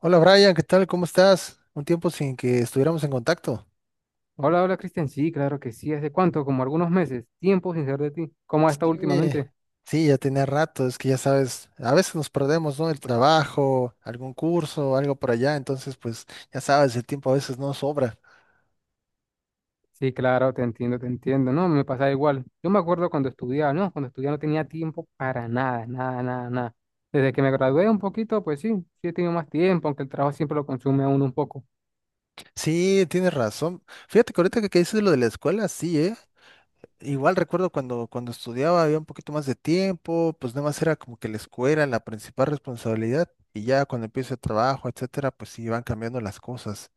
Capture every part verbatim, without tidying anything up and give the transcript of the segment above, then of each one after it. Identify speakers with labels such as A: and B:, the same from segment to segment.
A: Hola Brian, ¿qué tal? ¿Cómo estás? Un tiempo sin que estuviéramos en contacto.
B: Hola, hola Cristian, sí, claro que sí, ¿hace cuánto? Como algunos meses, tiempo sin saber de ti. ¿Cómo has estado
A: Sí,
B: últimamente?
A: sí, ya tenía rato, es que ya sabes, a veces nos perdemos, ¿no? El trabajo, algún curso, algo por allá, entonces pues ya sabes, el tiempo a veces no sobra.
B: Sí, claro, te entiendo, te entiendo, no, me pasa igual. Yo me acuerdo cuando estudiaba, no, cuando estudiaba no tenía tiempo para nada, nada, nada, nada. Desde que me gradué un poquito, pues sí, sí he tenido más tiempo, aunque el trabajo siempre lo consume a uno un poco.
A: Sí, tienes razón. Fíjate que ahorita que, que dices lo de la escuela, sí, ¿eh? Igual recuerdo cuando, cuando estudiaba había un poquito más de tiempo, pues nada más era como que la escuela la principal responsabilidad y ya cuando empiezo el trabajo, etcétera, pues sí, van cambiando las cosas.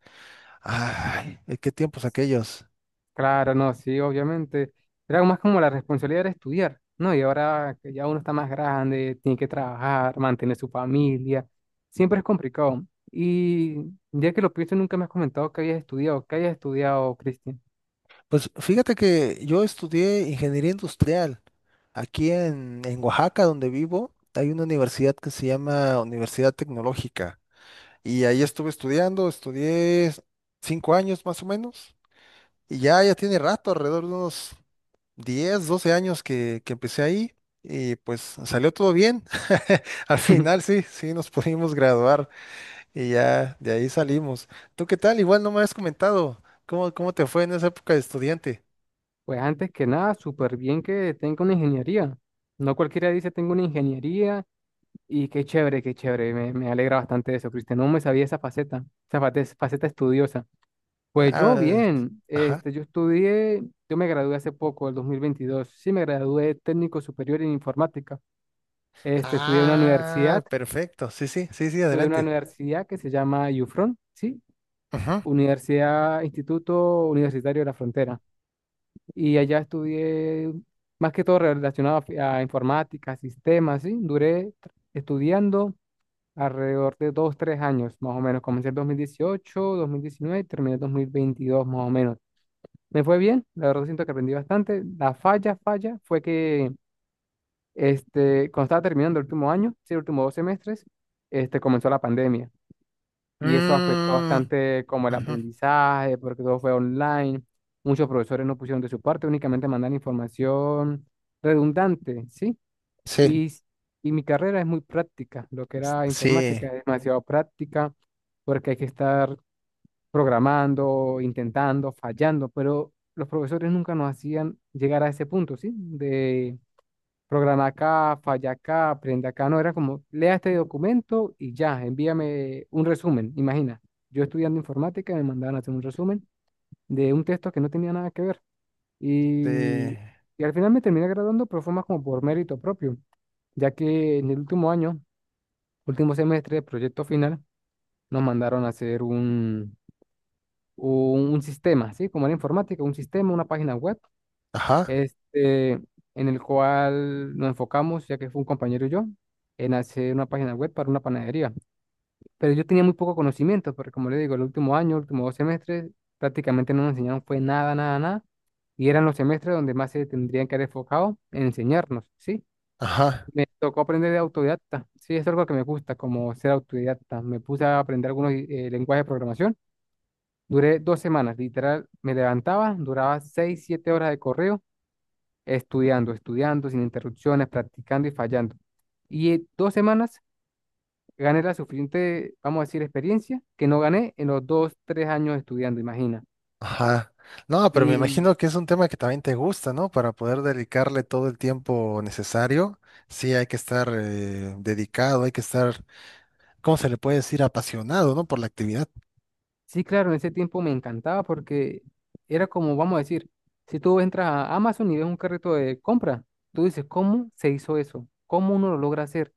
A: Ay, eh, qué tiempos aquellos.
B: Claro, no, sí, obviamente. Era más como la responsabilidad de estudiar, ¿no? Y ahora que ya uno está más grande, tiene que trabajar, mantener su familia, siempre es complicado. Y ya que lo pienso, nunca me has comentado que habías estudiado, que hayas estudiado, Cristian.
A: Pues fíjate que yo estudié ingeniería industrial. Aquí en, en Oaxaca, donde vivo, hay una universidad que se llama Universidad Tecnológica. Y ahí estuve estudiando, estudié cinco años más o menos. Y ya, ya tiene rato, alrededor de unos diez doce años que, que empecé ahí. Y pues salió todo bien. Al final sí, sí nos pudimos graduar y ya de ahí salimos. ¿Tú qué tal? Igual no me has comentado cómo, cómo te fue en esa época de estudiante.
B: Pues antes que nada, súper bien que tenga una ingeniería. No cualquiera dice tengo una ingeniería y qué chévere, qué chévere. Me, me alegra bastante eso, Cristian. No me sabía esa faceta, esa fate- faceta estudiosa. Pues yo
A: Ah,
B: bien,
A: ajá.
B: este, yo estudié, yo me gradué hace poco, el dos mil veintidós, sí me gradué técnico superior en informática. Este, estudié en una universidad,
A: Ah, perfecto. Sí, sí, sí, sí,
B: estudié en una
A: adelante.
B: universidad que se llama UFRON, sí,
A: Ujú.
B: Universidad Instituto Universitario de la Frontera. Y allá estudié más que todo relacionado a, fi- a informática, sistemas, sí. Duré tr- estudiando alrededor de dos, tres años, más o menos. Comencé en dos mil dieciocho, dos mil diecinueve y terminé en dos mil veintidós, más o menos. Me fue bien, la verdad siento que aprendí bastante. La falla, falla, fue que este, cuando estaba terminando el último año, sí, el último dos semestres, este, comenzó la pandemia y eso afectó
A: Mm,
B: bastante como el
A: ujú.
B: aprendizaje, porque todo fue online, muchos profesores no pusieron de su parte, únicamente mandan información redundante, ¿sí?
A: Sí,
B: Y, s- y mi carrera es muy práctica, lo que
A: s-
B: era
A: sí,
B: informática es demasiado práctica, porque hay que estar programando, intentando, fallando, pero los profesores nunca nos hacían llegar a ese punto, ¿sí? De programa acá, falla acá, aprende acá, no, era como, lea este documento y ya, envíame un resumen, imagina, yo estudiando informática me mandaban a hacer un resumen de un texto que no tenía nada que ver
A: sí.
B: y, y al final me terminé graduando, pero fue más como por mérito propio, ya que en el último año, último semestre del proyecto final, nos mandaron a hacer un un un sistema, ¿sí? Como en informática, un sistema, una página web,
A: Ajá,
B: este, en el cual nos enfocamos, ya que fue un compañero y yo, en hacer una página web para una panadería. Pero yo tenía muy poco conocimiento, porque como le digo, el último año, los últimos dos semestres, prácticamente no nos enseñaron fue nada, nada, nada. Y eran los semestres donde más se tendrían que haber enfocado en enseñarnos, ¿sí?
A: ajá,
B: Me tocó aprender de autodidacta, sí, es algo que me gusta, como ser autodidacta. Me puse a aprender algunos eh, lenguajes de programación. Duré dos semanas, literal, me levantaba, duraba seis, siete horas de correo, estudiando, estudiando, sin interrupciones, practicando y fallando. Y en dos semanas gané la suficiente, vamos a decir, experiencia que no gané en los dos, tres años estudiando, imagina.
A: ajá. No, pero me
B: Y
A: imagino que es un tema que también te gusta, ¿no? Para poder dedicarle todo el tiempo necesario, sí hay que estar eh, dedicado, hay que estar, ¿cómo se le puede decir? Apasionado, ¿no? Por la actividad.
B: sí, claro, en ese tiempo me encantaba porque era como, vamos a decir, si tú entras a Amazon y ves un carrito de compra, tú dices, ¿cómo se hizo eso? ¿Cómo uno lo logra hacer?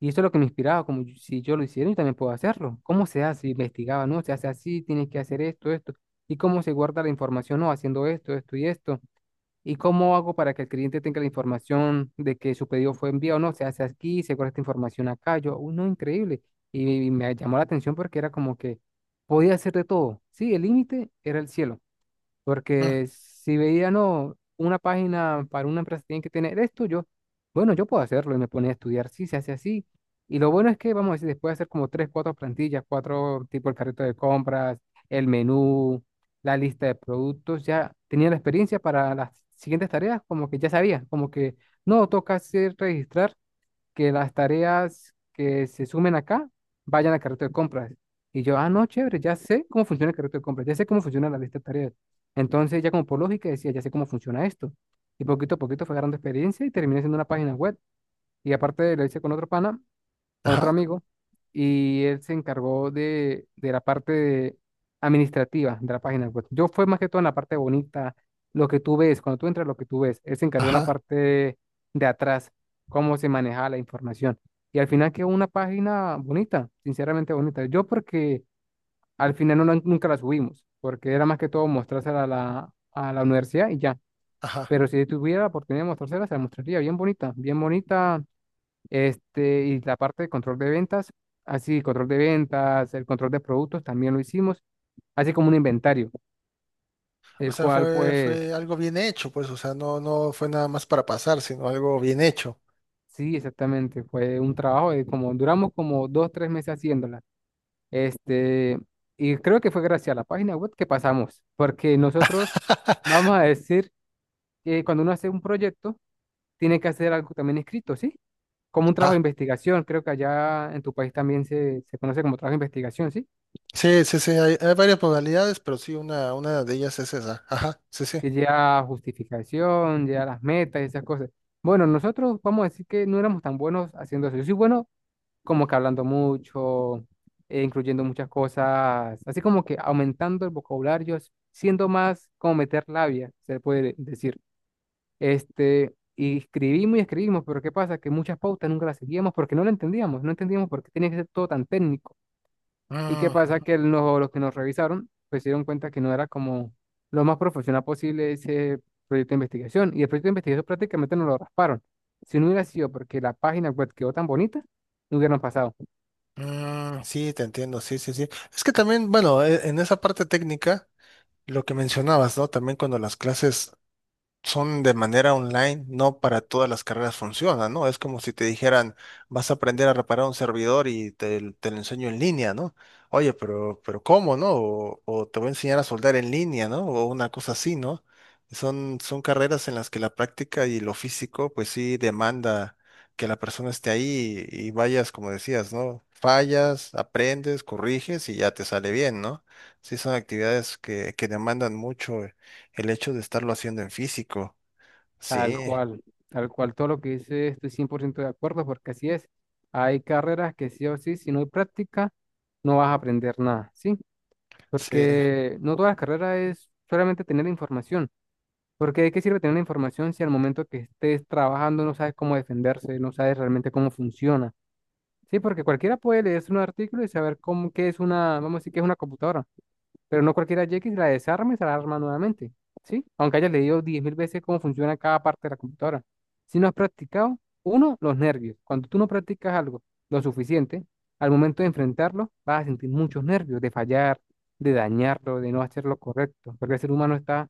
B: Y eso es lo que me inspiraba, como yo- si yo lo hiciera, yo también puedo hacerlo. ¿Cómo se hace? Investigaba, ¿no? Se hace así, tienes que hacer esto, esto. ¿Y cómo se guarda la información? No, haciendo esto, esto y esto. ¿Y cómo hago para que el cliente tenga la información de que su pedido fue enviado? No, se hace aquí, se guarda esta información acá. Yo, uno, increíble. Y me llamó la atención porque era como que podía hacer de todo. Sí, el límite era el cielo.
A: Mm.
B: Porque si veía, no, una página para una empresa tiene que tener esto, yo, bueno, yo puedo hacerlo y me ponía a estudiar, sí, se hace así. Y lo bueno es que, vamos a decir, después de hacer como tres, cuatro plantillas, cuatro tipos de carrito de compras, el menú, la lista de productos, ya tenía la experiencia para las siguientes tareas, como que ya sabía, como que no toca hacer registrar que las tareas que se sumen acá vayan al carrito de compras. Y yo, ah, no, chévere, ya sé cómo funciona el carrito de compras, ya sé cómo funciona la lista de tareas. Entonces, ya como por lógica decía, ya sé cómo funciona esto. Y poquito a poquito fue agarrando experiencia y terminé siendo una página web. Y aparte lo hice con otro pana con otro
A: Ajá,
B: amigo y él se encargó de, de la parte de- administrativa de la página web. Yo fue más que todo en la parte bonita, lo que tú ves, cuando tú entras, lo que tú ves. Él se encargó en la
A: ajá,
B: parte de de atrás, cómo se manejaba la información. Y al final quedó una página bonita, sinceramente bonita. Yo porque al final no, la- nunca la subimos, porque era más que todo mostrársela a la, a la universidad y ya.
A: ajá.
B: Pero si tuviera la oportunidad de mostrársela, se la mostraría bien bonita, bien bonita. Este, y la parte de control de ventas, así, control de ventas, el control de productos también lo hicimos, así como un inventario,
A: O
B: el
A: sea,
B: cual
A: fue, fue
B: pues
A: algo bien hecho, pues, o sea, no, no fue nada más para pasar, sino algo bien hecho.
B: sí, exactamente, fue un trabajo de como duramos como dos, tres meses haciéndola. Este, y creo que fue gracias a la página web que pasamos, porque nosotros vamos a decir que cuando uno hace un proyecto, tiene que hacer algo también escrito, ¿sí? Como un trabajo de
A: Ajá.
B: investigación, creo que allá en tu país también se, se conoce como trabajo de investigación, ¿sí?
A: Sí, sí, sí, hay, hay varias modalidades, pero sí, una, una de ellas es esa. Ajá, sí, sí.
B: Que lleva justificación, lleva las metas y esas cosas. Bueno, nosotros vamos a decir que no éramos tan buenos haciendo eso. Yo soy bueno como que hablando mucho, eh, incluyendo muchas cosas, así como que aumentando el vocabulario, s- siendo más como meter labia, se puede decir. Este, y escribimos y escribimos, pero ¿qué pasa? Que muchas pautas nunca las seguíamos porque no la entendíamos, no entendíamos por qué tenía que ser todo tan técnico. ¿Y qué pasa?
A: Mm,
B: Que lo- los que nos revisaron, pues se dieron cuenta que no era como lo más profesional posible ese proyecto de investigación. Y el proyecto de investigación prácticamente nos lo rasparon. Si no hubiera sido porque la página web quedó tan bonita, no hubieran pasado.
A: mm, sí, te entiendo, sí, sí, sí. Es que también, bueno, e- en esa parte técnica, lo que mencionabas, ¿no? También cuando las clases son de manera online, no para todas las carreras funcionan, ¿no? Es como si te dijeran, vas a aprender a reparar un servidor y te, te lo enseño en línea, ¿no? Oye, pero, pero ¿cómo, no? O, o te voy a enseñar a soldar en línea, ¿no? O una cosa así, ¿no? Son, son carreras en las que la práctica y lo físico, pues sí demanda que la persona esté ahí y, y vayas, como decías, ¿no? Fallas, aprendes, corriges y ya te sale bien, ¿no? Sí, son actividades que, que demandan mucho el hecho de estarlo haciendo en físico.
B: Tal
A: Sí,
B: cual, tal cual, todo lo que dice estoy cien por ciento de acuerdo porque así es. Hay carreras que sí o sí, si no hay práctica, no vas a aprender nada, ¿sí?
A: sí,
B: Porque no todas las carreras es solamente tener la información. Porque de qué sirve tener la información si al momento que estés trabajando no sabes cómo defenderse, no sabes realmente cómo funciona. Sí, porque cualquiera puede leerse un artículo y saber cómo, qué es una, vamos a decir que es una computadora, pero no cualquiera llega y la desarma y se la arma nuevamente, ¿sí? Aunque hayas leído diez mil veces cómo funciona cada parte de la computadora. Si no has practicado, uno, los nervios. Cuando tú no practicas algo lo suficiente, al momento de enfrentarlo, vas a sentir muchos nervios de fallar, de dañarlo, de no hacer lo correcto, porque el ser humano está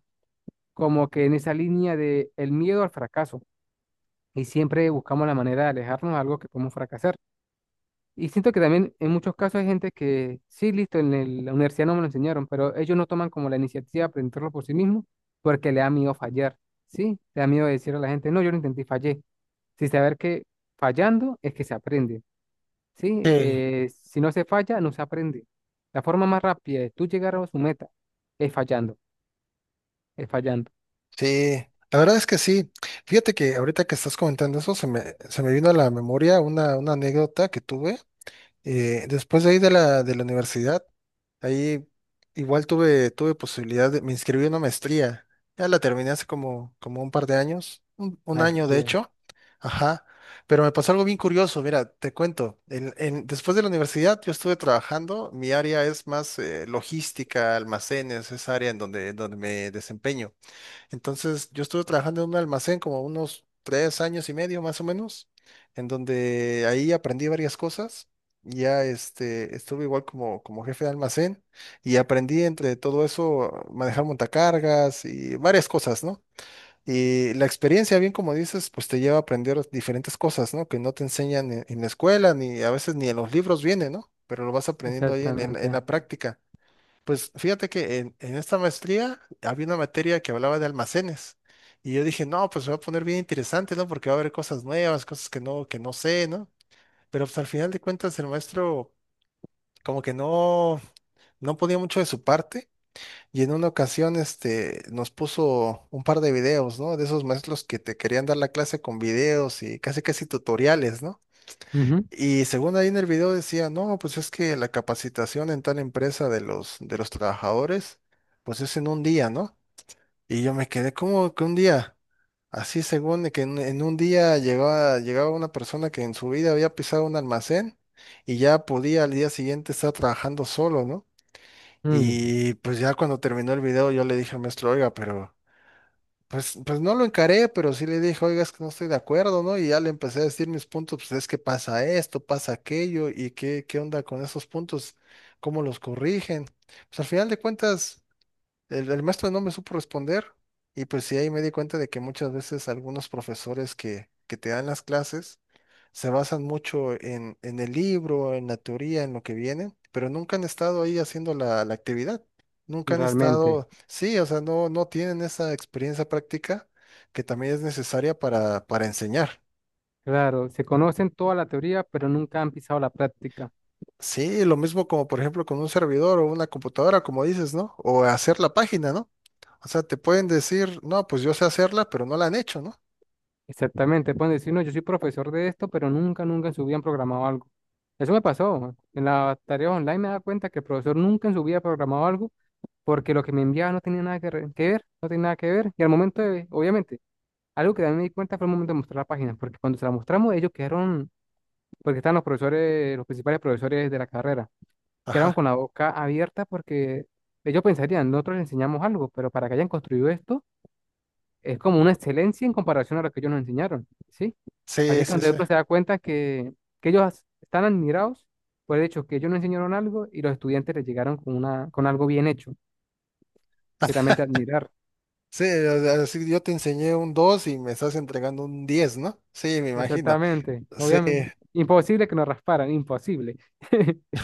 B: como que en esa línea de el miedo al fracaso y siempre buscamos la manera de alejarnos de algo que podemos fracasar. Y siento que también en muchos casos hay gente que sí, listo, en el- la universidad no me lo enseñaron, pero ellos no toman como la iniciativa de aprenderlo por sí mismos porque le da miedo fallar, ¿sí? Le da miedo decir a la gente, no, yo lo intenté y fallé, sin saber que fallando es que se aprende, ¿sí?
A: sí,
B: Eh, si no se falla, no se aprende. La forma más rápida de tú llegar a su meta es fallando, es fallando.
A: sí. La verdad es que sí. Fíjate que ahorita que estás comentando eso, se me, se me vino a la memoria una, una anécdota que tuve eh, después de ahí de la, de la universidad. Ahí igual tuve, tuve posibilidad de, me inscribí en una maestría. Ya la terminé hace como, como un par de años, un, un año de
B: Maestría,
A: hecho. Ajá. Pero me pasó algo bien curioso. Mira, te cuento. En- en- después de la universidad yo estuve trabajando. Mi área es más eh, logística, almacenes, esa área en donde, en donde me desempeño. Entonces, yo estuve trabajando en un almacén como unos tres años y medio más o menos, en donde ahí aprendí varias cosas. Ya este, estuve igual como, como jefe de almacén y aprendí entre todo eso a manejar montacargas y varias cosas, ¿no? Y la experiencia, bien como dices, pues te lleva a aprender diferentes cosas, ¿no? Que no te enseñan en, en la escuela, ni a veces ni en los libros viene, ¿no? Pero lo vas aprendiendo ahí en, en en
B: exactamente.
A: la práctica. Pues fíjate que en, en esta maestría había una materia que hablaba de almacenes y yo dije, no, pues se va a poner bien interesante, ¿no? Porque va a haber cosas nuevas, cosas que no, que no sé, ¿no? Pero pues al final de cuentas el maestro como que no, no ponía mucho de su parte y en una ocasión este, nos puso un par de videos, ¿no? De esos maestros que te querían dar la clase con videos y casi casi tutoriales, ¿no?
B: Ujú.
A: Y según ahí en el video decía, no, pues es que la capacitación en tal empresa de los, de los trabajadores, pues es en un día, ¿no? Y yo me quedé como que un día, así según de que en, en un día llegaba, llegaba una persona que en su vida había pisado un almacén y ya podía al día siguiente estar trabajando solo, ¿no?
B: Mm,
A: Y pues ya cuando terminó el video yo le dije al maestro, oiga, pero... Pues, pues no lo encaré, pero sí le dije, oiga, es que no estoy de acuerdo, ¿no? Y ya le empecé a decir mis puntos, pues es que pasa esto, pasa aquello, y qué, qué onda con esos puntos, cómo los corrigen. Pues al final de cuentas, el, el maestro no me supo responder y pues sí, ahí me di cuenta de que muchas veces algunos profesores que, que te dan las clases se basan mucho en, en el libro, en la teoría, en lo que vienen, pero nunca han estado ahí haciendo la, la actividad. Nunca han
B: realmente,
A: estado, sí, o sea, no, no tienen esa experiencia práctica que también es necesaria para, para enseñar.
B: claro, se conocen toda la teoría, pero nunca han pisado la práctica.
A: Sí, lo mismo como por ejemplo con un servidor o una computadora, como dices, ¿no? O hacer la página, ¿no? O sea, te pueden decir, no, pues yo sé hacerla, pero no la han hecho, ¿no?
B: Exactamente, pueden decir, no, yo soy profesor de esto, pero nunca, nunca en su vida han programado algo. Eso me pasó. En las tareas online me da cuenta que el profesor nunca en su vida ha programado algo porque lo que me enviaba no tenía nada que, re- que ver, no tenía nada que ver. Y al momento de, obviamente, algo que también me di cuenta fue el momento de mostrar la página, porque cuando se la mostramos ellos quedaron, porque estaban los profesores, los principales profesores de la carrera. Quedaron
A: Ajá.
B: con la boca abierta porque ellos pensarían, nosotros les enseñamos algo, pero para que hayan construido esto es como una excelencia en comparación a lo que ellos nos enseñaron, ¿sí? Así
A: Sí,
B: que
A: sí,
B: cuando
A: sí.
B: uno se da cuenta que, que ellos as- están admirados por el hecho que ellos nos enseñaron algo y los estudiantes les llegaron con, una, con algo bien hecho, que también te admirar.
A: Sí, o sea, así yo te enseñé un dos y me estás entregando un diez, ¿no? Sí, me imagino.
B: Exactamente,
A: Sí,
B: obviamente. Imposible que nos rasparan, imposible.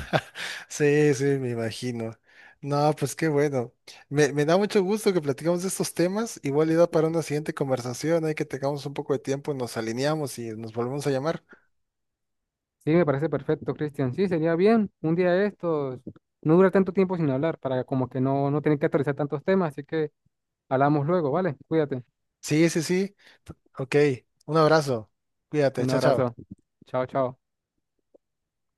A: sí, sí, me imagino. No, pues qué bueno. Me, me da mucho gusto que platicamos de estos temas. Igual y da para una siguiente conversación. Hay que tengamos un poco de tiempo, nos alineamos y nos volvemos a llamar.
B: Sí, me parece perfecto, Cristian. Sí, sería bien. Un día de estos, no dura tanto tiempo sin hablar, para como que no, no tener que actualizar tantos temas. Así que hablamos luego, ¿vale? Cuídate.
A: Sí, sí, sí. Ok. Un abrazo. Cuídate.
B: Un
A: Chao, chao.
B: abrazo. Chao, chao.